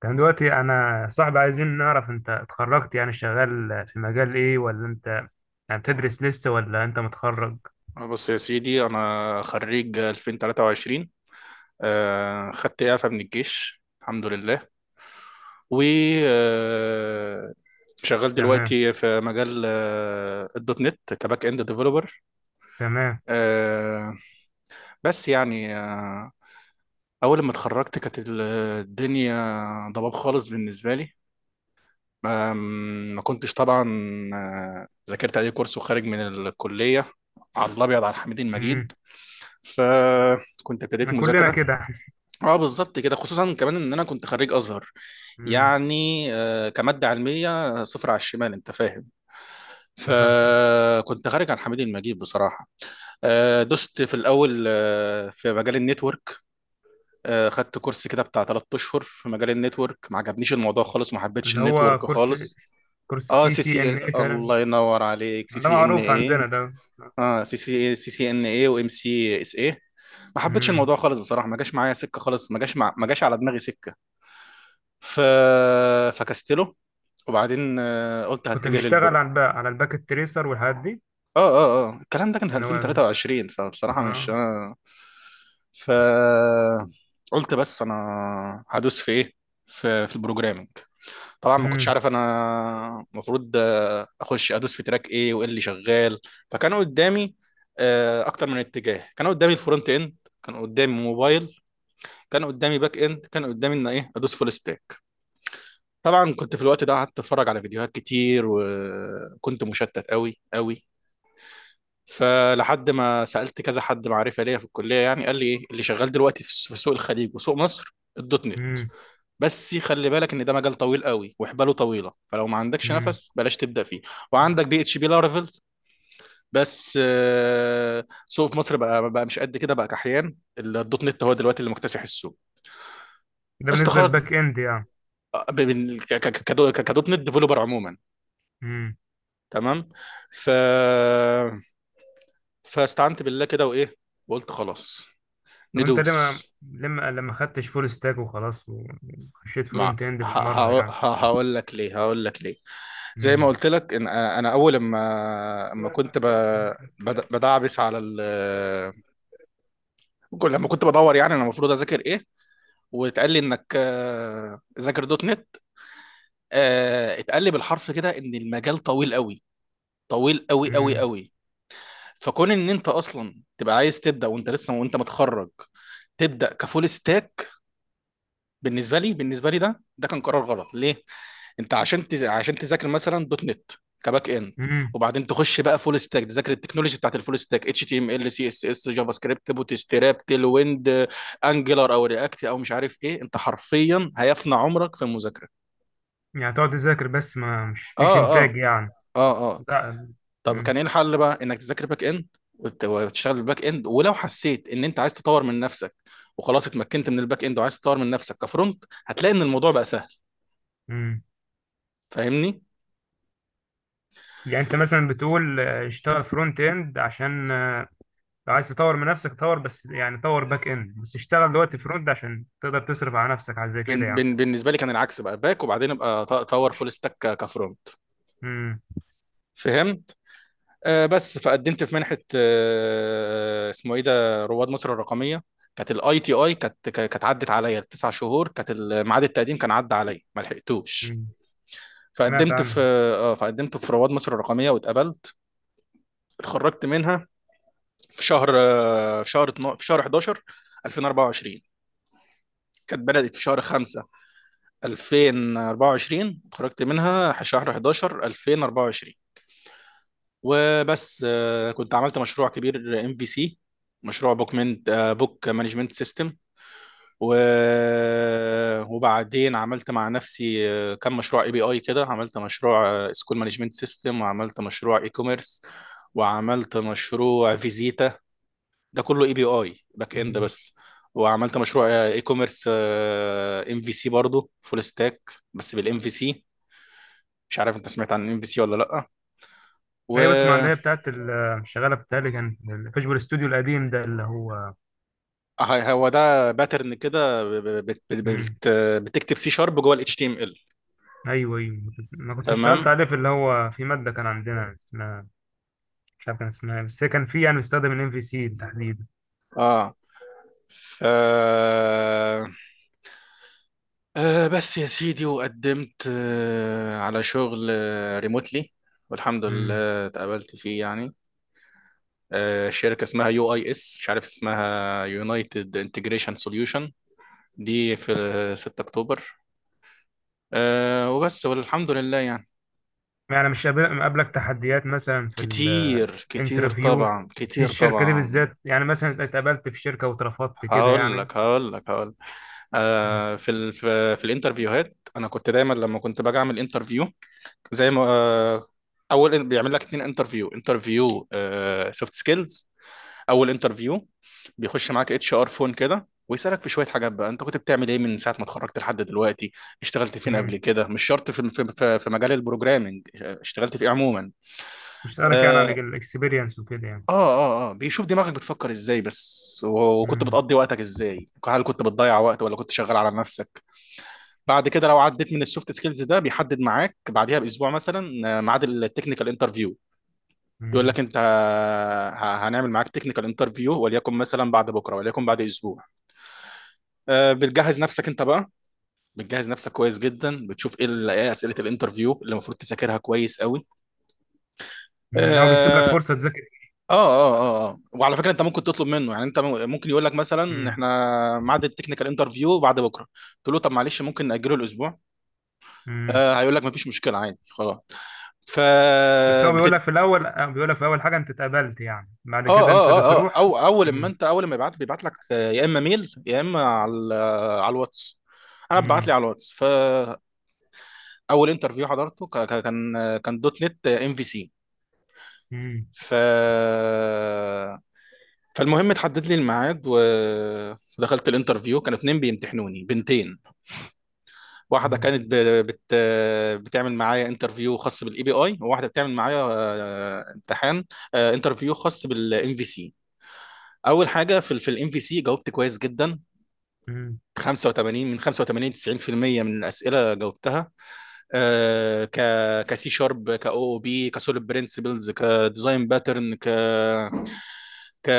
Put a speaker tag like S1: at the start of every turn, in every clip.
S1: كان دلوقتي انا صاحبي عايزين نعرف انت اتخرجت يعني شغال في مجال ايه ولا انت يعني بتدرس لسه ولا انت متخرج؟
S2: بص يا سيدي، أنا خريج 2023، خدت إعفاء من الجيش، الحمد لله. و آه، شغال
S1: تمام،
S2: دلوقتي في مجال الدوت نت كباك اند ديفلوبر.
S1: تمام.
S2: آه، بس يعني أول ما اتخرجت كانت الدنيا ضباب خالص بالنسبة لي. آم، ما كنتش طبعا ذاكرت أي كورس وخارج من الكلية على الأبيض على الحميد
S1: امم.
S2: المجيد، فكنت ابتديت
S1: كلنا
S2: مذاكرة.
S1: كده.
S2: اه، بالظبط كده. خصوصا كمان ان انا كنت خريج ازهر،
S1: امم.
S2: يعني كماده علميه صفر على الشمال، انت فاهم. فكنت خارج عن حميد المجيد بصراحه. دست في الاول في مجال النتورك. خدت كورس كده بتاع 3 اشهر في مجال النتورك، ما عجبنيش الموضوع خالص، ما حبيتش
S1: اللي هو
S2: النتورك
S1: كورس
S2: خالص.
S1: كورس
S2: اه،
S1: سي
S2: سي سي
S1: سي
S2: إيه،
S1: ان اي تقريبا.
S2: الله ينور عليك، سي
S1: ده
S2: سي ان
S1: معروف
S2: ايه.
S1: عندنا ده.
S2: اه، سي سي إيه، سي سي ان ايه، وام سي اس ايه. ما حبيتش
S1: امم.
S2: الموضوع خالص بصراحه، ما جاش معايا سكه خالص. ما جاش على دماغي سكه. ف... فكستله، وبعدين قلت
S1: كنت
S2: هتجه
S1: بتشتغل
S2: للبر.
S1: على الباكت تريسر والحاجات دي؟
S2: اه اه اه، الكلام ده كان في
S1: اللي هو ال-
S2: 2023، فبصراحة مش
S1: اه.
S2: انا. ف قلت بس انا هدوس في ايه؟ في البروجرامنج. طبعا ما كنتش
S1: امم.
S2: عارف انا المفروض اخش ادوس في تراك ايه، وايه اللي شغال. فكانوا قدامي اكتر من اتجاه. كان قدامي الفرونت اند، كان قدامي موبايل، كان قدامي باك اند، كان قدامي ان ايه ادوس فول ستاك. طبعا كنت في الوقت ده قعدت اتفرج على فيديوهات كتير، وكنت مشتت قوي قوي. فلحد ما سألت كذا حد معرفة ليا في الكلية، يعني قال لي ايه اللي شغال دلوقتي في سوق الخليج وسوق مصر: الدوت نت.
S1: امم.
S2: بس خلي بالك ان ده مجال طويل قوي وحباله طويلة، فلو ما عندكش
S1: امم.
S2: نفس بلاش تبدأ فيه. وعندك بي اتش بي لارافيل، بس سوق في مصر بقى مش قد كده بقى، كحيان الدوت نت هو دلوقتي اللي مكتسح السوق.
S1: ده بالنسبة
S2: استخرت
S1: للباك اند
S2: كدوت نت ديفلوبر عموما،
S1: يعني.
S2: تمام. ف فاستعنت بالله كده، وايه، وقلت خلاص
S1: طب انت ليه ما
S2: ندوس.
S1: لما خدتش فول ستاك وخلاص وخشيت
S2: مع
S1: فرونت اند
S2: ه-
S1: بالمره
S2: ه-
S1: يعني؟
S2: ه- هقول لك ليه، هقول لك ليه. زي ما
S1: امم.
S2: قلت لك ان انا، اول ما كنت بدعبس على لما كنت بدور يعني انا المفروض اذاكر ايه، واتقال لي انك ذاكر دوت نت. اتقال لي بالحرف كده ان المجال طويل قوي، طويل قوي قوي
S1: امم.
S2: قوي. فكون ان انت اصلا تبقى عايز تبدا وانت لسه وانت متخرج، تبدا كفول ستاك، بالنسبه لي، ده كان قرار غلط. ليه؟ انت عشان تذاكر مثلا دوت نت كباك اند،
S1: امم.
S2: وبعدين تخش بقى فول ستاك، تذاكر التكنولوجي بتاعت الفول ستاك: اتش تي ام ال، سي اس اس، جافا سكريبت، بوتستراب، تيل ويند، انجلر او رياكت او مش عارف ايه. انت حرفيا هيفنى عمرك في المذاكره.
S1: يعني تقعد تذاكر بس ما مش فيش
S2: اه اه
S1: انتاج يعني.
S2: اه اه.
S1: لا.
S2: طب كان
S1: امم.
S2: ايه الحل؟ بقى انك تذاكر باك اند، وتشتغل بالباك اند، ولو حسيت ان انت عايز تطور من نفسك، وخلاص اتمكنت من الباك اند وعايز تطور من نفسك كفرونت، هتلاقي ان الموضوع بقى سهل.
S1: امم.
S2: فاهمني؟
S1: يعني انت مثلا بتقول، اشتغل فرونت اند، عشان لو عايز تطور من نفسك، طور بس يعني، طور باك اند بس، اشتغل دلوقتي فرونت عشان تقدر تصرف على نفسك، على زي كده
S2: بن
S1: يعني.
S2: بن بالنسبه لي كان العكس، بقى باك، وبعدين ابقى اطور فول ستاك كفرونت.
S1: امم.
S2: فهمت؟ آه بس، فقدمت في منحه، آه اسمه ايه ده، رواد مصر الرقميه. كانت الاي تي اي، كانت كانت عدت عليا التسع شهور، كانت ميعاد التقديم كان عدى عليا، ما لحقتوش.
S1: امم. سمعت
S2: فقدمت
S1: عنها.
S2: في، آه، فقدمت في رواد مصر الرقميه واتقبلت. اتخرجت منها في شهر في شهر 12، في شهر 11 2024. كانت بدأت في شهر 5 2024، اتخرجت منها شهر 11 2024. وبس. كنت عملت مشروع كبير ام في سي، مشروع بوكمنت، بوك مانجمنت سيستم. و... وبعدين عملت مع نفسي كم مشروع اي بي اي كده. عملت مشروع سكول مانجمنت سيستم، وعملت مشروع اي كوميرس، وعملت مشروع فيزيتا. ده كله اي بي اي باك اند بس. وعملت مشروع اي كوميرس ام في سي برضه، فول ستاك بس بالام في سي. مش عارف انت سمعت عن الام في سي ولا لا. و
S1: ايوه، بسمع، اللي هي بتاعت ال- شغاله بتاعي كان الفيجوال استوديو القديم ده اللي هو.
S2: هو ده باترن كده.
S1: امم.
S2: بتكتب سي شارب جوه الاتش تي ام ال.
S1: ايوه، ايوه. انا كنت اشتغلت
S2: تمام،
S1: عليه في اللي هو، في ماده كان عندنا اسمها، مش عارف كان اسمها إيه، بس هي كان في، يعني بيستخدم الام في سي تحديدا.
S2: اه. ف آه بس يا سيدي، وقدمت آه على شغل ريموتلي، والحمد
S1: امم.
S2: لله اتقابلت فيه يعني. شركة اسمها يو اي اس، مش عارف اسمها، يونايتد انتجريشن سوليوشن، دي في ال 6 اكتوبر. وبس، والحمد لله يعني.
S1: يعني مش مقابلك تحديات مثلا في
S2: كتير كتير
S1: الانترفيو
S2: طبعا،
S1: في
S2: كتير
S1: الشركه دي
S2: طبعا.
S1: بالذات؟ يعني مثلا اتقابلت في شركه واترفضت كده
S2: هقول
S1: يعني؟
S2: لك، هقول لك، هقول لك. في الانترفيوهات، انا كنت دايما لما كنت باجي اعمل انترفيو، زي ما اول بيعمل لك اتنين انترفيو. انترفيو سوفت سكيلز، اول انترفيو، بيخش معاك اتش ار فون كده ويسالك في شويه حاجات، بقى انت كنت بتعمل ايه من ساعه ما اتخرجت لحد دلوقتي؟ اشتغلت فين قبل
S1: امم.
S2: كده؟ مش شرط في مجال البروجرامنج، اشتغلت في ايه عموما.
S1: مش سألك يعني عن
S2: اه
S1: الاكسبيرينس وكده يعني؟
S2: اه اه. بيشوف دماغك بتفكر ازاي بس، وكنت
S1: امم.
S2: بتقضي وقتك ازاي، هل كنت بتضيع وقت ولا كنت شغال على نفسك. بعد كده لو عديت من السوفت سكيلز ده، بيحدد معاك بعديها باسبوع مثلا ميعاد التكنيكال انترفيو. يقول لك انت، هنعمل معاك تكنيكال انترفيو، وليكن مثلا بعد بكره، وليكن بعد اسبوع. بتجهز نفسك انت بقى، بتجهز نفسك كويس جدا، بتشوف ايه إيه اسئله الانترفيو اللي المفروض تذاكرها كويس قوي.
S1: امم. هو بيسيب لك
S2: اه اه
S1: فرصه تذاكر؟
S2: اه اه. وعلى فكره، انت ممكن تطلب منه، يعني انت ممكن يقول لك مثلا احنا ميعاد التكنيكال انترفيو بعد بكره، تقول له طب معلش ممكن ناجله الاسبوع،
S1: امم.
S2: آه هيقول لك مفيش مشكله عادي خلاص. ف
S1: بس هو بيقول
S2: بتد...
S1: لك في الاول، بيقول لك في اول حاجه انت اتقبلت يعني، بعد
S2: اه
S1: كده انت
S2: اه اه اه،
S1: بتروح.
S2: او اول ما
S1: مم.
S2: انت، اول ما يبعت، بيبعت لك يا اما ميل يا اما على الواتس. انا ببعت لي
S1: مم.
S2: على الواتس. اول انترفيو حضرته، كان دوت نت ام في سي.
S1: مم.
S2: ف فالمهم اتحدد لي الميعاد، ودخلت الانترفيو. كانوا اتنين بيمتحنوني، بنتين. واحده
S1: مم.
S2: كانت بت... بتعمل معايا انترفيو خاص بالاي بي اي، وواحده بتعمل معايا امتحان، انترفيو خاص بالام في سي. اول حاجه، في الام في سي، جاوبت كويس جدا،
S1: مم.
S2: 85 من 85، 90% من الاسئله جاوبتها. آه، ك كسي شارب، كاو او بي، كسوليد برنسبلز، كديزاين باترن، ك ك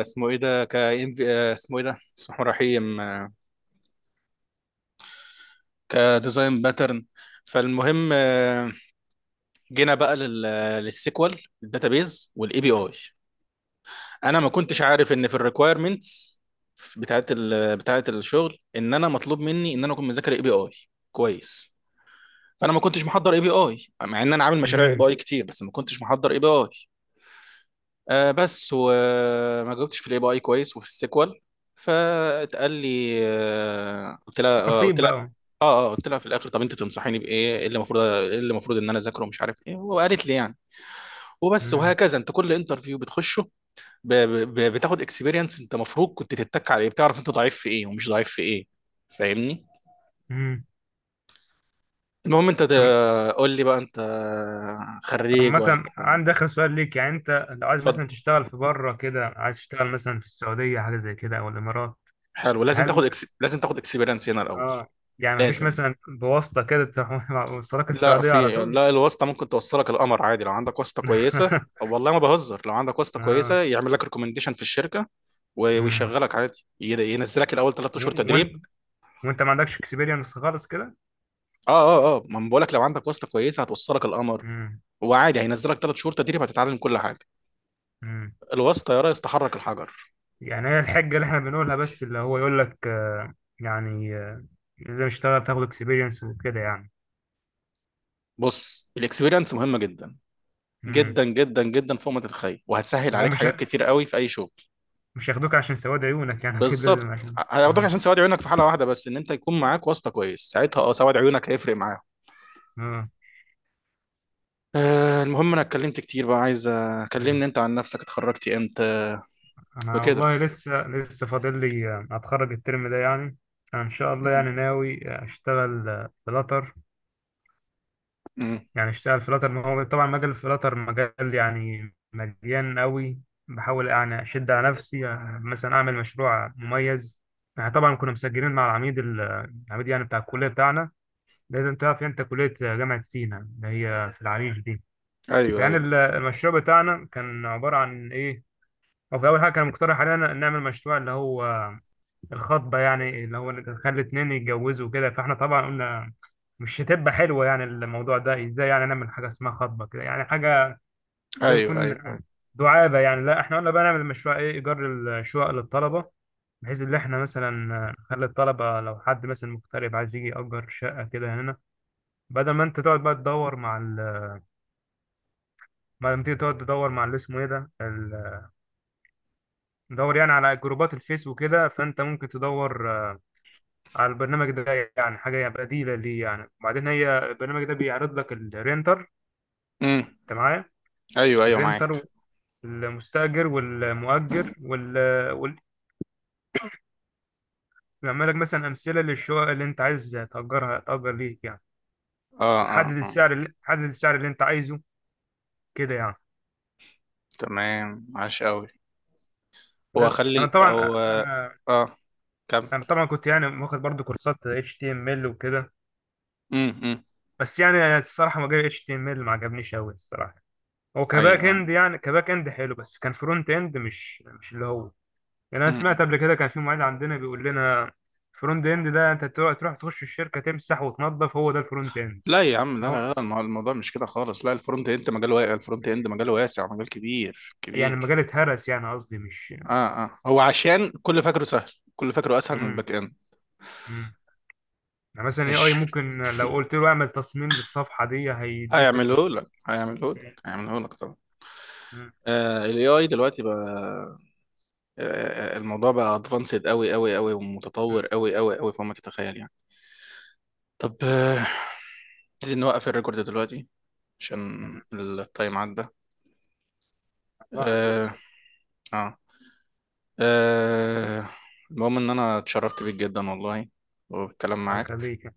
S2: اسمه ايه ده، اسمه ايه ده، بسم الله الرحمن الرحيم، كديزاين باترن. فالمهم جينا بقى للسيكوال الداتابيز والاي بي اي. انا ما كنتش عارف ان في الريكويرمنتس بتاعت الشغل ان انا مطلوب مني ان انا اكون مذاكر اي بي اي كويس. فانا ما كنتش محضر اي بي اي، مع ان انا عامل مشاريع اي
S1: مم.
S2: بي اي كتير، بس ما كنتش محضر اي بي اي. آه بس، وما جاوبتش في الاي بي اي كويس وفي السيكوال. فاتقال لي، قلت لها،
S1: نصيب بقى.
S2: قلت لها في الاخر: طب انت تنصحيني بايه؟ ايه اللي المفروض، ان انا اذاكره، ومش عارف ايه، وقالت لي يعني. وبس،
S1: مم.
S2: وهكذا انت كل انترفيو بتخشه ب... بتاخد اكسبيرينس. انت المفروض كنت تتك على ايه، بتعرف انت ضعيف في ايه ومش ضعيف في ايه. فاهمني؟
S1: مم.
S2: المهم، انت
S1: طب
S2: قول لي بقى، انت
S1: طب
S2: خريج ولا؟
S1: مثلا عندي اخر سؤال ليك، يعني انت لو عايز مثلا
S2: اتفضل.
S1: تشتغل في بره كده، عايز تشتغل مثلا في السعوديه حاجه زي كده او الامارات؟
S2: حلو. لازم
S1: هل
S2: تاخد لازم تاخد اكسبيرينس هنا الاول.
S1: اه يعني مفيش
S2: لازم.
S1: مثلا بواسطه كده تروح وصلك
S2: لا،
S1: السعوديه على
S2: في،
S1: طول؟
S2: لا، الواسطة ممكن توصلك القمر عادي لو عندك واسطة كويسة. والله ما بهزر، لو عندك واسطة
S1: اه.
S2: كويسة يعمل لك ريكومنديشن في الشركة،
S1: مم.
S2: ويشغلك عادي. ينزلك الأول ثلاث أشهر
S1: و- وانت
S2: تدريب.
S1: وانت ما عندكش اكسبيرينس خالص كده؟
S2: اه اه اه، ما أنا بقولك، لو عندك واسطة كويسة هتوصلك القمر،
S1: مم.
S2: وعادي هينزلك ثلاث شهور تدريب، هتتعلم كل حاجة.
S1: مم.
S2: الواسطة يا ريس تحرك الحجر.
S1: يعني هي الحجة اللي احنا بنقولها، بس اللي هو يقول لك يعني، لازم اشتغل تاخد اكسبيرينس وكده يعني.
S2: بص، الاكسبيرينس مهمة جدا
S1: امم.
S2: جدا جدا جدا فوق ما تتخيل، وهتسهل
S1: هو
S2: عليك
S1: مش
S2: حاجات كتير قوي في أي شغل.
S1: مش هياخدوك عشان سواد عيونك، يعني اكيد لازم
S2: بالظبط.
S1: عشان
S2: هياخدوك
S1: اه
S2: عشان سواد عيونك في حالة واحدة بس، إن أنت يكون معاك واسطة كويس، ساعتها اه، سواد عيونك هيفرق معاك.
S1: اه.
S2: أه، المهم، انا اتكلمت كتير، بقى عايز اكلمني
S1: مم.
S2: انت عن نفسك. اتخرجت امتى
S1: انا
S2: وكده؟
S1: والله لسه لسه فاضل لي اتخرج الترم ده يعني. انا ان شاء الله يعني
S2: امم،
S1: ناوي اشتغل بلاتر.
S2: امم.
S1: يعني اشتغل فلاتر، ما هو طبعا مجال الفلاتر مجال يعني مليان قوي. بحاول يعني اشد على نفسي، مثلا اعمل مشروع مميز. يعني طبعا كنا مسجلين مع العميد ال- العميد يعني بتاع الكليه بتاعنا. لازم تعرف انت كليه جامعه سينا، اللي هي في العريش دي.
S2: ايوه
S1: فيعني
S2: ايوه
S1: ال- المشروع بتاعنا كان عباره عن ايه؟ هو في اول حاجه كان مقترح علينا نعمل مشروع اللي هو الخطبة، يعني اللي هو نخلي اتنين يتجوزوا كده. فاحنا طبعا قلنا مش هتبقى حلوة يعني الموضوع ده، ازاي يعني نعمل حاجة اسمها خطبة كده، يعني حاجة زي
S2: ايوه ايوه
S1: بيكون
S2: ايوه.
S1: دعابة يعني. لا احنا قلنا بقى نعمل مشروع، ايه، ايجار الشقق للطلبة. بحيث ان احنا مثلا نخلي الطلبة، لو حد مثلا مغترب عايز يجي يأجر شقة كده هنا، بدل ما انت تقعد بقى تدور مع ال... بدل ما تيجي تقعد تدور مع اللي اسمه ايه ده، ال... تدور يعني على جروبات الفيس وكده، فانت ممكن تدور على البرنامج ده، يعني حاجة بديلة ليه يعني. وبعدين هي البرنامج ده بيعرض لك الرينتر،
S2: امم.
S1: انت معايا؟
S2: ايوه ايوه،
S1: الرينتر
S2: معاك.
S1: والمستأجر والمؤجر وال بيعمل لك مثلا أمثلة للشقق اللي انت عايز تأجرها، تأجر ليك يعني.
S2: اه
S1: وتحدد
S2: اه اه.
S1: السعر اللي، انت عايزه، كده يعني.
S2: تمام، عاش قوي. هو
S1: بس
S2: خلي هو، اه، كمل.
S1: انا طبعا كنت يعني واخد برضو كورسات HTML وكده.
S2: امم، امم.
S1: بس يعني الصراحة، مجال HTML ما عجبنيش أوي الصراحة. هو
S2: ايوه
S1: كباك
S2: ايوه.
S1: اند يعني، كباك اند حلو، بس كان فرونت اند مش اللي هو. يعني انا سمعت
S2: امم.
S1: قبل كده كان في معيد عندنا بيقول لنا: فرونت اند ده انت تروح تخش الشركه تمسح وتنظف، هو ده الفرونت اند.
S2: لا يا عم، لا
S1: هو
S2: لا لا، الموضوع مش كده خالص. لا، الفرونت اند مجال واسع، الفرونت اند مجال واسع، مجال كبير
S1: يعني
S2: كبير.
S1: المجال اتهرس، يعني قصدي مش.
S2: اه اه، هو عشان كل فاكره سهل، كل فاكره اسهل من
S1: امم.
S2: الباك اند.
S1: امم. يعني مثلا اي
S2: ماشي،
S1: ممكن لو قلت له اعمل تصميم للصفحه دي، هيديك
S2: هيعمله
S1: التصميم.
S2: لك، هيعمله لك، هيعمله لك طبعا.
S1: امم.
S2: آه ال AI دلوقتي بقى، آه الموضوع بقى ادفانسد قوي قوي قوي، ومتطور
S1: امم.
S2: قوي قوي قوي فوق ما تتخيل يعني. طب عايزين نوقف الريكورد دلوقتي عشان
S1: تمام.
S2: التايم عدى.
S1: هتلاحظ
S2: آه
S1: برضه.
S2: اه, آه المهم ان انا اتشرفت بيك جدا والله، وبالكلام
S1: الله
S2: معاك.
S1: يخليك.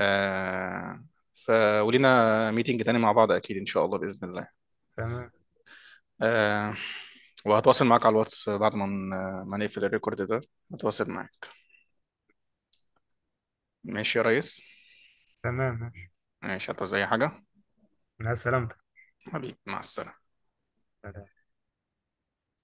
S2: آه ف ولينا ميتنج تاني مع بعض، اكيد ان شاء الله باذن الله.
S1: تمام.
S2: آه وهتواصل معاك على الواتس بعد ما ما نقفل الريكورد ده، هتواصل معاك. ماشي يا ريس.
S1: تمام ماشي.
S2: ماشي، هتعوز اي حاجة.
S1: مع السلامتك.
S2: حبيبي مع السلامة.